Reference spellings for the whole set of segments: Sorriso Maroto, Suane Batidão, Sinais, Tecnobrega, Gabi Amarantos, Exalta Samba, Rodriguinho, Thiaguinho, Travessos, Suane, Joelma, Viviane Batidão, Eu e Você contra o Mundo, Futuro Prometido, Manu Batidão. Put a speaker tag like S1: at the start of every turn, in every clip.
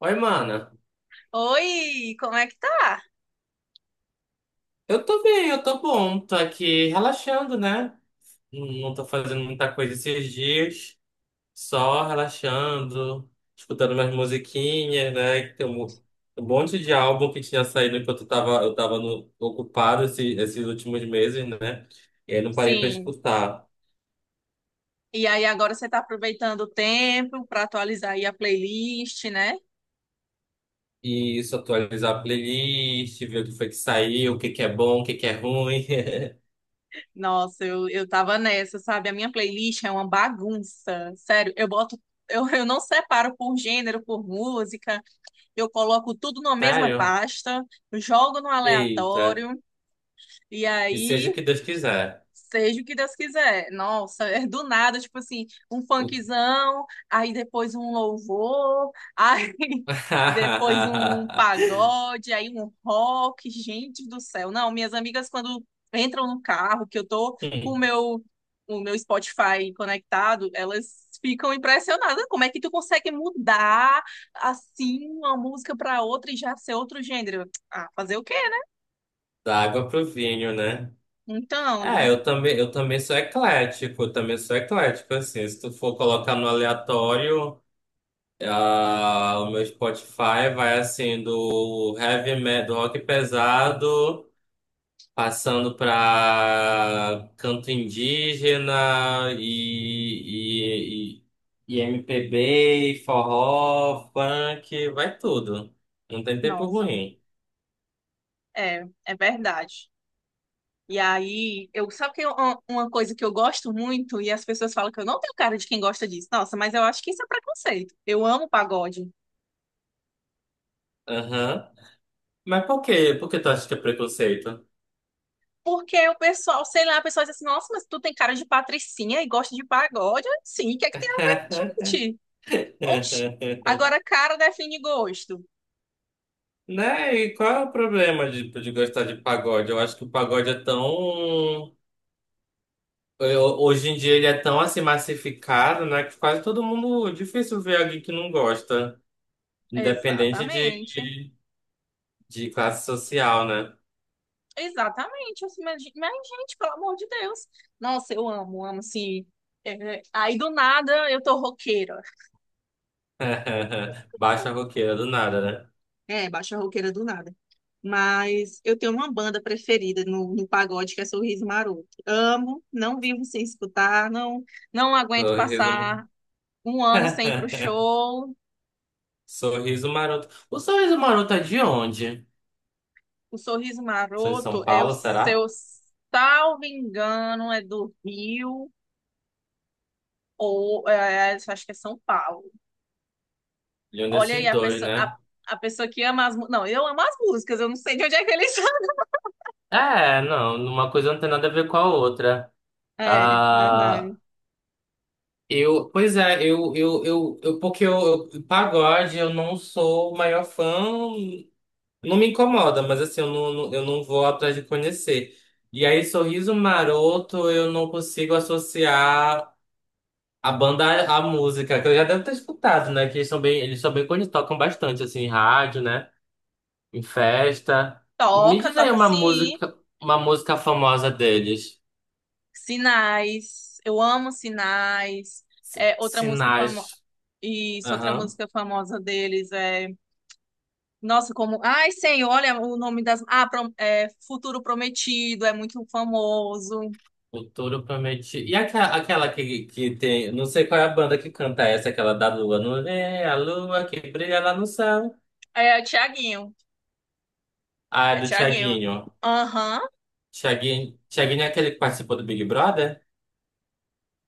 S1: Oi, mana.
S2: Oi, como é que tá?
S1: Eu tô bem, eu tô bom. Tô aqui relaxando, né? Não tô fazendo muita coisa esses dias. Só relaxando, escutando minhas musiquinhas, né? Que um monte de álbum que tinha saído enquanto eu tava ocupado esses últimos meses, né? E aí não parei pra
S2: Sim.
S1: escutar.
S2: E aí, agora você tá aproveitando o tempo para atualizar aí a playlist, né?
S1: E isso, atualizar a playlist, ver o que foi que saiu, o que que é bom, o que que é ruim.
S2: Nossa, eu tava nessa, sabe? A minha playlist é uma bagunça. Sério, eu boto, eu não separo por gênero, por música, eu coloco tudo na mesma
S1: Sério?
S2: pasta, jogo no
S1: Eita.
S2: aleatório, e
S1: E seja o
S2: aí.
S1: que Deus quiser.
S2: Seja o que Deus quiser. Nossa, é do nada, tipo assim, um funkzão, aí depois um louvor, aí depois um pagode, aí um rock. Gente do céu. Não, minhas amigas, quando entram no carro, que eu tô com
S1: Hum.
S2: o meu Spotify conectado, elas ficam impressionadas. Como é que tu consegue mudar assim uma música pra outra e já ser outro gênero? Ah, fazer o quê, né?
S1: Da água pro vinho, né?
S2: Então,
S1: É, eu também sou eclético, eu também sou eclético, assim, se tu for colocar no aleatório, ah, o meu Spotify vai assim do heavy metal, do rock pesado, passando pra canto indígena e MPB, forró, funk, vai tudo. Não tem tempo
S2: nossa,
S1: ruim.
S2: é verdade. E aí, eu, sabe que eu- uma coisa que eu gosto muito, e as pessoas falam que eu não tenho cara de quem gosta disso. Nossa, mas eu acho que isso é preconceito. Eu amo pagode.
S1: Aham. Mas por quê? Por que tu acha que é preconceito?
S2: Porque o pessoal, sei lá, a pessoa diz assim, nossa, mas tu tem cara de patricinha e gosta de pagode? Sim, o que é que tem a ver, gente? Oxi. Agora, cara define gosto.
S1: Né? E qual é o problema de gostar de pagode? Eu acho que o pagode é tão. Hoje em dia ele é tão assim massificado, né? Que quase todo mundo. Difícil ver alguém que não gosta, independente
S2: Exatamente.
S1: de classe social, né?
S2: Exatamente. Assim, mas, gente, pelo amor de Deus. Nossa, eu amo, amo, assim. É, aí, do nada, eu tô roqueira.
S1: Baixa roqueira do nada, né?
S2: É, baixa roqueira do nada. Mas eu tenho uma banda preferida no, no pagode, que é Sorriso Maroto. Amo, não vivo sem escutar, não, não aguento
S1: Sorriso.
S2: passar um ano sem ir pro show.
S1: Sorriso Maroto. O Sorriso Maroto é de onde?
S2: O Sorriso
S1: Foi de
S2: Maroto
S1: São
S2: é o
S1: Paulo, será?
S2: seu, salvo engano, é do Rio, ou é, acho que é São Paulo.
S1: De um
S2: Olha aí,
S1: desses dois, né?
S2: a pessoa que ama as músicas. Não, eu amo as músicas, eu não sei de onde é que eles são.
S1: É, não, uma coisa não tem nada a ver com a outra.
S2: É,
S1: Ah,
S2: verdade.
S1: eu, pois é, eu porque pagode, eu não sou o maior fã, não me incomoda, mas assim, eu não vou atrás de conhecer. E aí, Sorriso Maroto, eu não consigo associar a banda à música, que eu já devo ter escutado, né? Que eles são bem conhecidos, tocam bastante, assim, em rádio, né? Em festa. Me
S2: Toca,
S1: diz aí
S2: toca sim.
S1: uma música famosa deles.
S2: Sinais, eu amo Sinais. É, outra música famosa,
S1: Sinais.
S2: isso, outra
S1: Aham.
S2: música famosa deles é, nossa, como, ai, Senhor, olha o nome das, ah, Pro- é, Futuro Prometido, é muito famoso.
S1: O touro promete. E aquela que tem. Não sei qual é a banda que canta essa, aquela da lua. Não é a lua que brilha lá no céu.
S2: É, o Thiaguinho.
S1: Ah, é
S2: É
S1: do
S2: Tiaguinho.
S1: Thiaguinho.
S2: Aham.
S1: Thiaguinho é aquele que participou do Big Brother?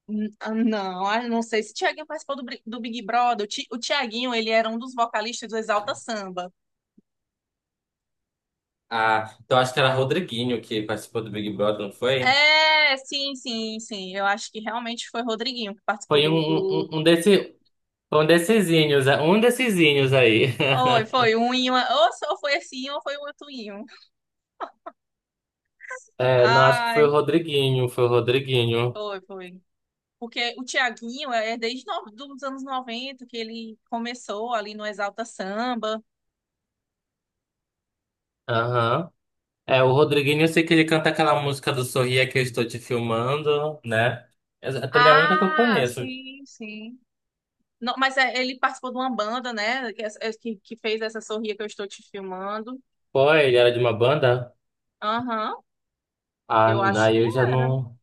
S2: N- ah, Não, ah, não sei se o Thiaguinho participou do, Bri- do Big Brother. O Ti- o Tiaguinho, ele era um dos vocalistas do Exalta Samba.
S1: Ah, então acho que era Rodriguinho que participou do Big Brother, não foi?
S2: É, sim, sim, sim. Eu acho que realmente foi Rodriguinho que participou
S1: Foi um,
S2: do,
S1: um, um
S2: do
S1: um desse, foi um dessesinhos, é, um dessesinhos aí.
S2: Foi, foi um e uma. Ou só foi assim, ou foi o outro em um.
S1: É, não, acho que foi o
S2: Ai,
S1: Rodriguinho, foi o Rodriguinho.
S2: foi, foi. Porque o Thiaguinho é desde os anos 90 que ele começou ali no Exalta Samba.
S1: Aham. É, o Rodriguinho, eu sei que ele canta aquela música do Sorria que eu estou te filmando, né? Essa é também a única que eu
S2: Ah,
S1: conheço.
S2: sim, sim. Não, mas é, ele participou de uma banda, né? Que, é- é, que fez essa sorria que eu estou te filmando.
S1: Pô, ele era de uma banda?
S2: Aham,
S1: Ah,
S2: eu acho
S1: aí
S2: que
S1: eu já
S2: era.
S1: não.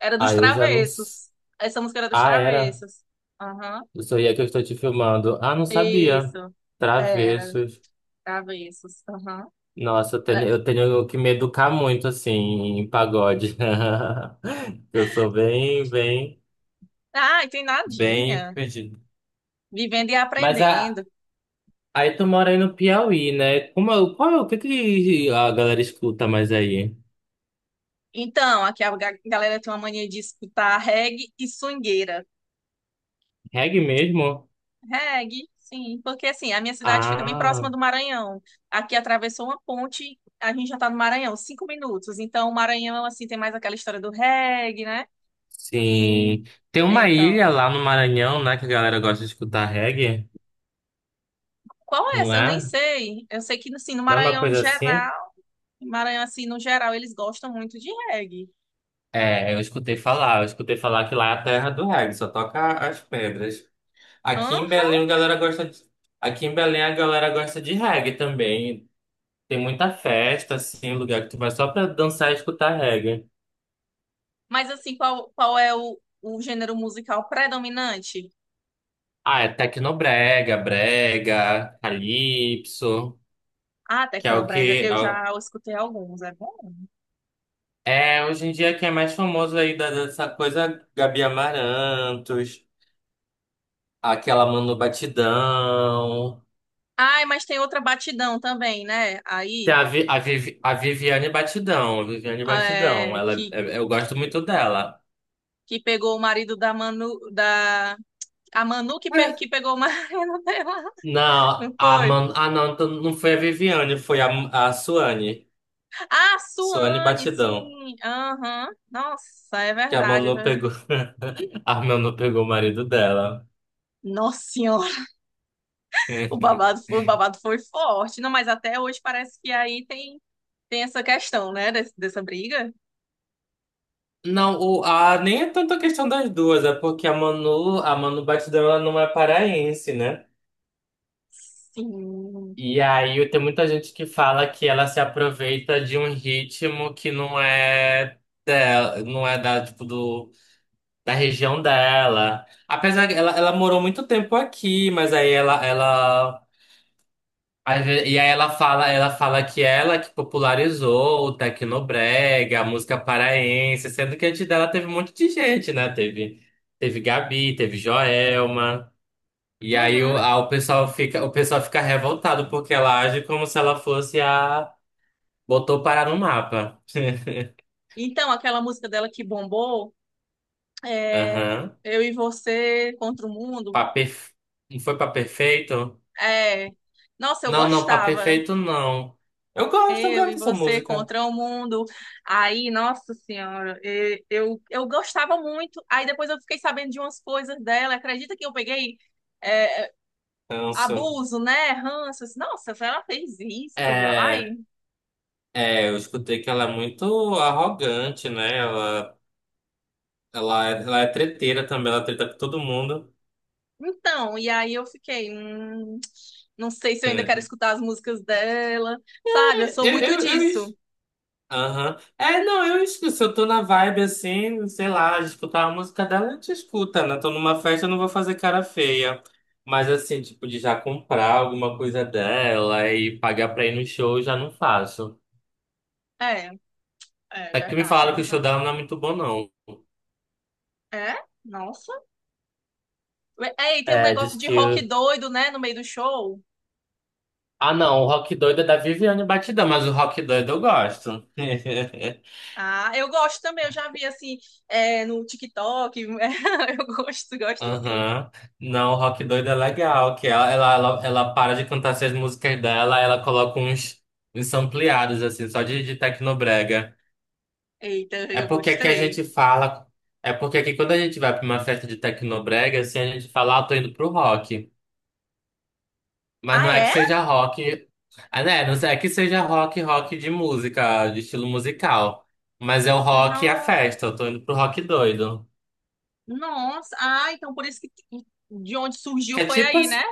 S2: Era dos
S1: Ah, eu já não.
S2: Travessos. Essa música era dos
S1: Ah, era.
S2: Travessos. Aham,
S1: Do Sorria que eu estou te filmando. Ah, não sabia.
S2: isso. É, era dos
S1: Travessos.
S2: Travessos. Aham.
S1: Nossa, eu tenho que me educar muito, assim, em pagode. Eu sou
S2: Ai, tem
S1: bem
S2: nadinha.
S1: perdido.
S2: Vivendo e
S1: Mas a,
S2: aprendendo.
S1: aí tu mora aí no Piauí, né? Como é, qual é, o que que a galera escuta mais aí?
S2: Então, aqui a ga- galera tem uma mania de escutar reggae e swingueira.
S1: Reggae mesmo?
S2: Reggae, sim, porque assim, a minha cidade fica bem
S1: Ah,
S2: próxima do Maranhão. Aqui atravessou uma ponte, a gente já tá no Maranhão, cinco minutos. Então, o Maranhão, assim, tem mais aquela história do reggae, né? E,
S1: sim. Tem uma ilha
S2: então,
S1: lá no Maranhão, né, que a galera gosta de escutar reggae,
S2: qual é
S1: não
S2: essa? Eu nem
S1: é?
S2: sei. Eu sei que, assim, no
S1: Não é uma
S2: Maranhão em
S1: coisa assim?
S2: geral, Maranhão, assim, no geral, eles gostam muito de reggae.
S1: É, eu escutei falar que lá é a terra do reggae, só toca as pedras.
S2: Hã?
S1: Aqui em Belém a galera gosta de, aqui em Belém a galera gosta de reggae também. Tem muita festa, assim, lugar que tu vai só pra dançar e escutar reggae.
S2: Mas assim, qual, qual é o gênero musical predominante?
S1: Ah, é tecnobrega, brega, calypso,
S2: Ah,
S1: que é o
S2: tecnobrega,
S1: que
S2: eu já escutei alguns, é bom.
S1: é, hoje em dia que é mais famoso aí dessa coisa, Gabi Amarantos, aquela Manu Batidão.
S2: Ai, mas tem outra batidão também, né?
S1: Tem
S2: Aí,
S1: a, Vi, a, Vivi- a Viviane Batidão, Viviane Batidão,
S2: é,
S1: ela, eu gosto muito dela.
S2: que pegou o marido da Manu, da... A Manu que, pe- que pegou o marido dela, não foi?
S1: Não, então não foi a Viviane, foi a Suane,
S2: Ah,
S1: Suane
S2: Suane,
S1: Batidão,
S2: sim, aham. Nossa, é
S1: que a
S2: verdade. Eu
S1: Manu
S2: já-
S1: pegou, a Manu pegou o marido dela.
S2: Nossa senhora, o babado foi forte. Não, mas até hoje parece que aí tem, tem essa questão, né, des- dessa briga.
S1: Não, o, a, nem é tanto a questão das duas, é porque a Manu Batidão, ela não é paraense, né?
S2: Sim.
S1: E aí tem muita gente que fala que ela se aproveita de um ritmo que não é dela, não é da, tipo, do, da região dela. Apesar que ela morou muito tempo aqui, mas ela Às ve- E aí ela fala que ela que popularizou o Tecnobrega, a música paraense, sendo que antes dela teve um monte de gente, né? Teve, teve Gabi, teve Joelma. E aí
S2: Uhum.
S1: o pessoal fica revoltado porque ela age como se ela fosse a botou parar no mapa.
S2: Então, aquela música dela que bombou, é,
S1: Aham.
S2: Eu e Você contra o Mundo.
S1: Pra perf- Não foi pra perfeito?
S2: É, nossa, eu
S1: Não, não, pra
S2: gostava.
S1: perfeito não. Eu
S2: Eu
S1: gosto
S2: e
S1: dessa
S2: Você
S1: música.
S2: contra o Mundo. Aí, nossa senhora, e- eu gostava muito. Aí depois eu fiquei sabendo de umas coisas dela. Acredita que eu peguei é,
S1: Canso.
S2: abuso, né? Ranças. Nossa, ela fez isso. Ai.
S1: É. É, eu escutei que ela é muito arrogante, né? Ela é treteira também, ela treta com todo mundo.
S2: Então, e aí eu fiquei, não sei se eu ainda quero
S1: É.
S2: escutar as músicas dela, sabe? Eu sou
S1: Eu,
S2: muito
S1: eu, eu, es-
S2: disso.
S1: Aham. É, não, eu escuto. Se eu tô na vibe assim, sei lá, de escutar a música dela, a gente escuta, né? Tô numa festa, eu não vou fazer cara feia. Mas assim, tipo, de já comprar alguma coisa dela e pagar pra ir no show, eu já não faço.
S2: É, é
S1: Até que me
S2: verdade,
S1: falaram que
S2: não.
S1: o show dela não é muito bom, não.
S2: É? É? Nossa. É, e tem um
S1: É, diz
S2: negócio de rock
S1: que
S2: doido, né, no meio do show.
S1: ah, não, o Rock Doido é da Viviane Batidão, mas o Rock Doido eu gosto.
S2: Ah, eu gosto também, eu já vi assim, é, no TikTok. Eu gosto, gosto sim.
S1: Aham. Não, o Rock Doido é legal, que ela para de cantar essas músicas dela, ela coloca uns, uns ampliados, assim, só de tecnobrega.
S2: Eita,
S1: É
S2: eu
S1: porque aqui a
S2: gostei.
S1: gente fala, é porque aqui quando a gente vai pra uma festa de tecnobrega, assim, a gente fala, ah, tô indo pro rock. Mas
S2: Ah,
S1: não é que
S2: é?
S1: seja rock, ah, né? Não é que seja rock, rock de música, de estilo musical. Mas é o rock e a
S2: Não,
S1: festa, eu tô indo pro rock doido.
S2: nossa. Ah, então por isso que de onde surgiu
S1: Que é
S2: foi
S1: tipo
S2: aí, né?
S1: assim,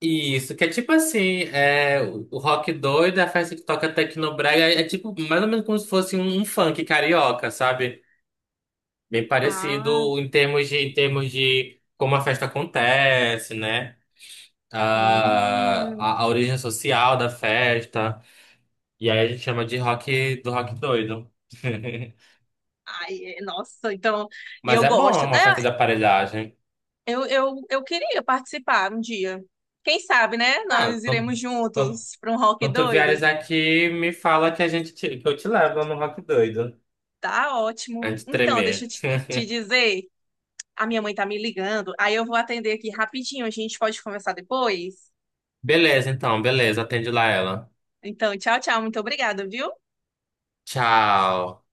S1: isso, que é tipo assim, é, o rock doido, a festa que toca Tecnobrega, é, é tipo mais ou menos como se fosse um, um funk carioca, sabe? Bem
S2: Ah,
S1: parecido em termos de como a festa acontece, né? Ah,
S2: hum.
S1: a origem social da festa. E aí a gente chama de rock, do rock doido.
S2: Ai, é- nossa, então, e
S1: Mas
S2: eu
S1: é bom, é
S2: gosto, né?
S1: uma festa de aparelhagem.
S2: Eu queria participar um dia. Quem sabe, né?
S1: Ah,
S2: Nós iremos
S1: quando,
S2: juntos para um rock
S1: quando tu
S2: doido.
S1: vieres aqui, me fala que a gente que eu te levo no rock doido.
S2: Tá ótimo.
S1: Antes de
S2: Então, deixa eu
S1: tremer.
S2: te dizer, a minha mãe tá me ligando, aí eu vou atender aqui rapidinho, a gente pode conversar depois?
S1: Beleza, então, beleza. Atende lá ela.
S2: Então, tchau, tchau, muito obrigada, viu?
S1: Tchau.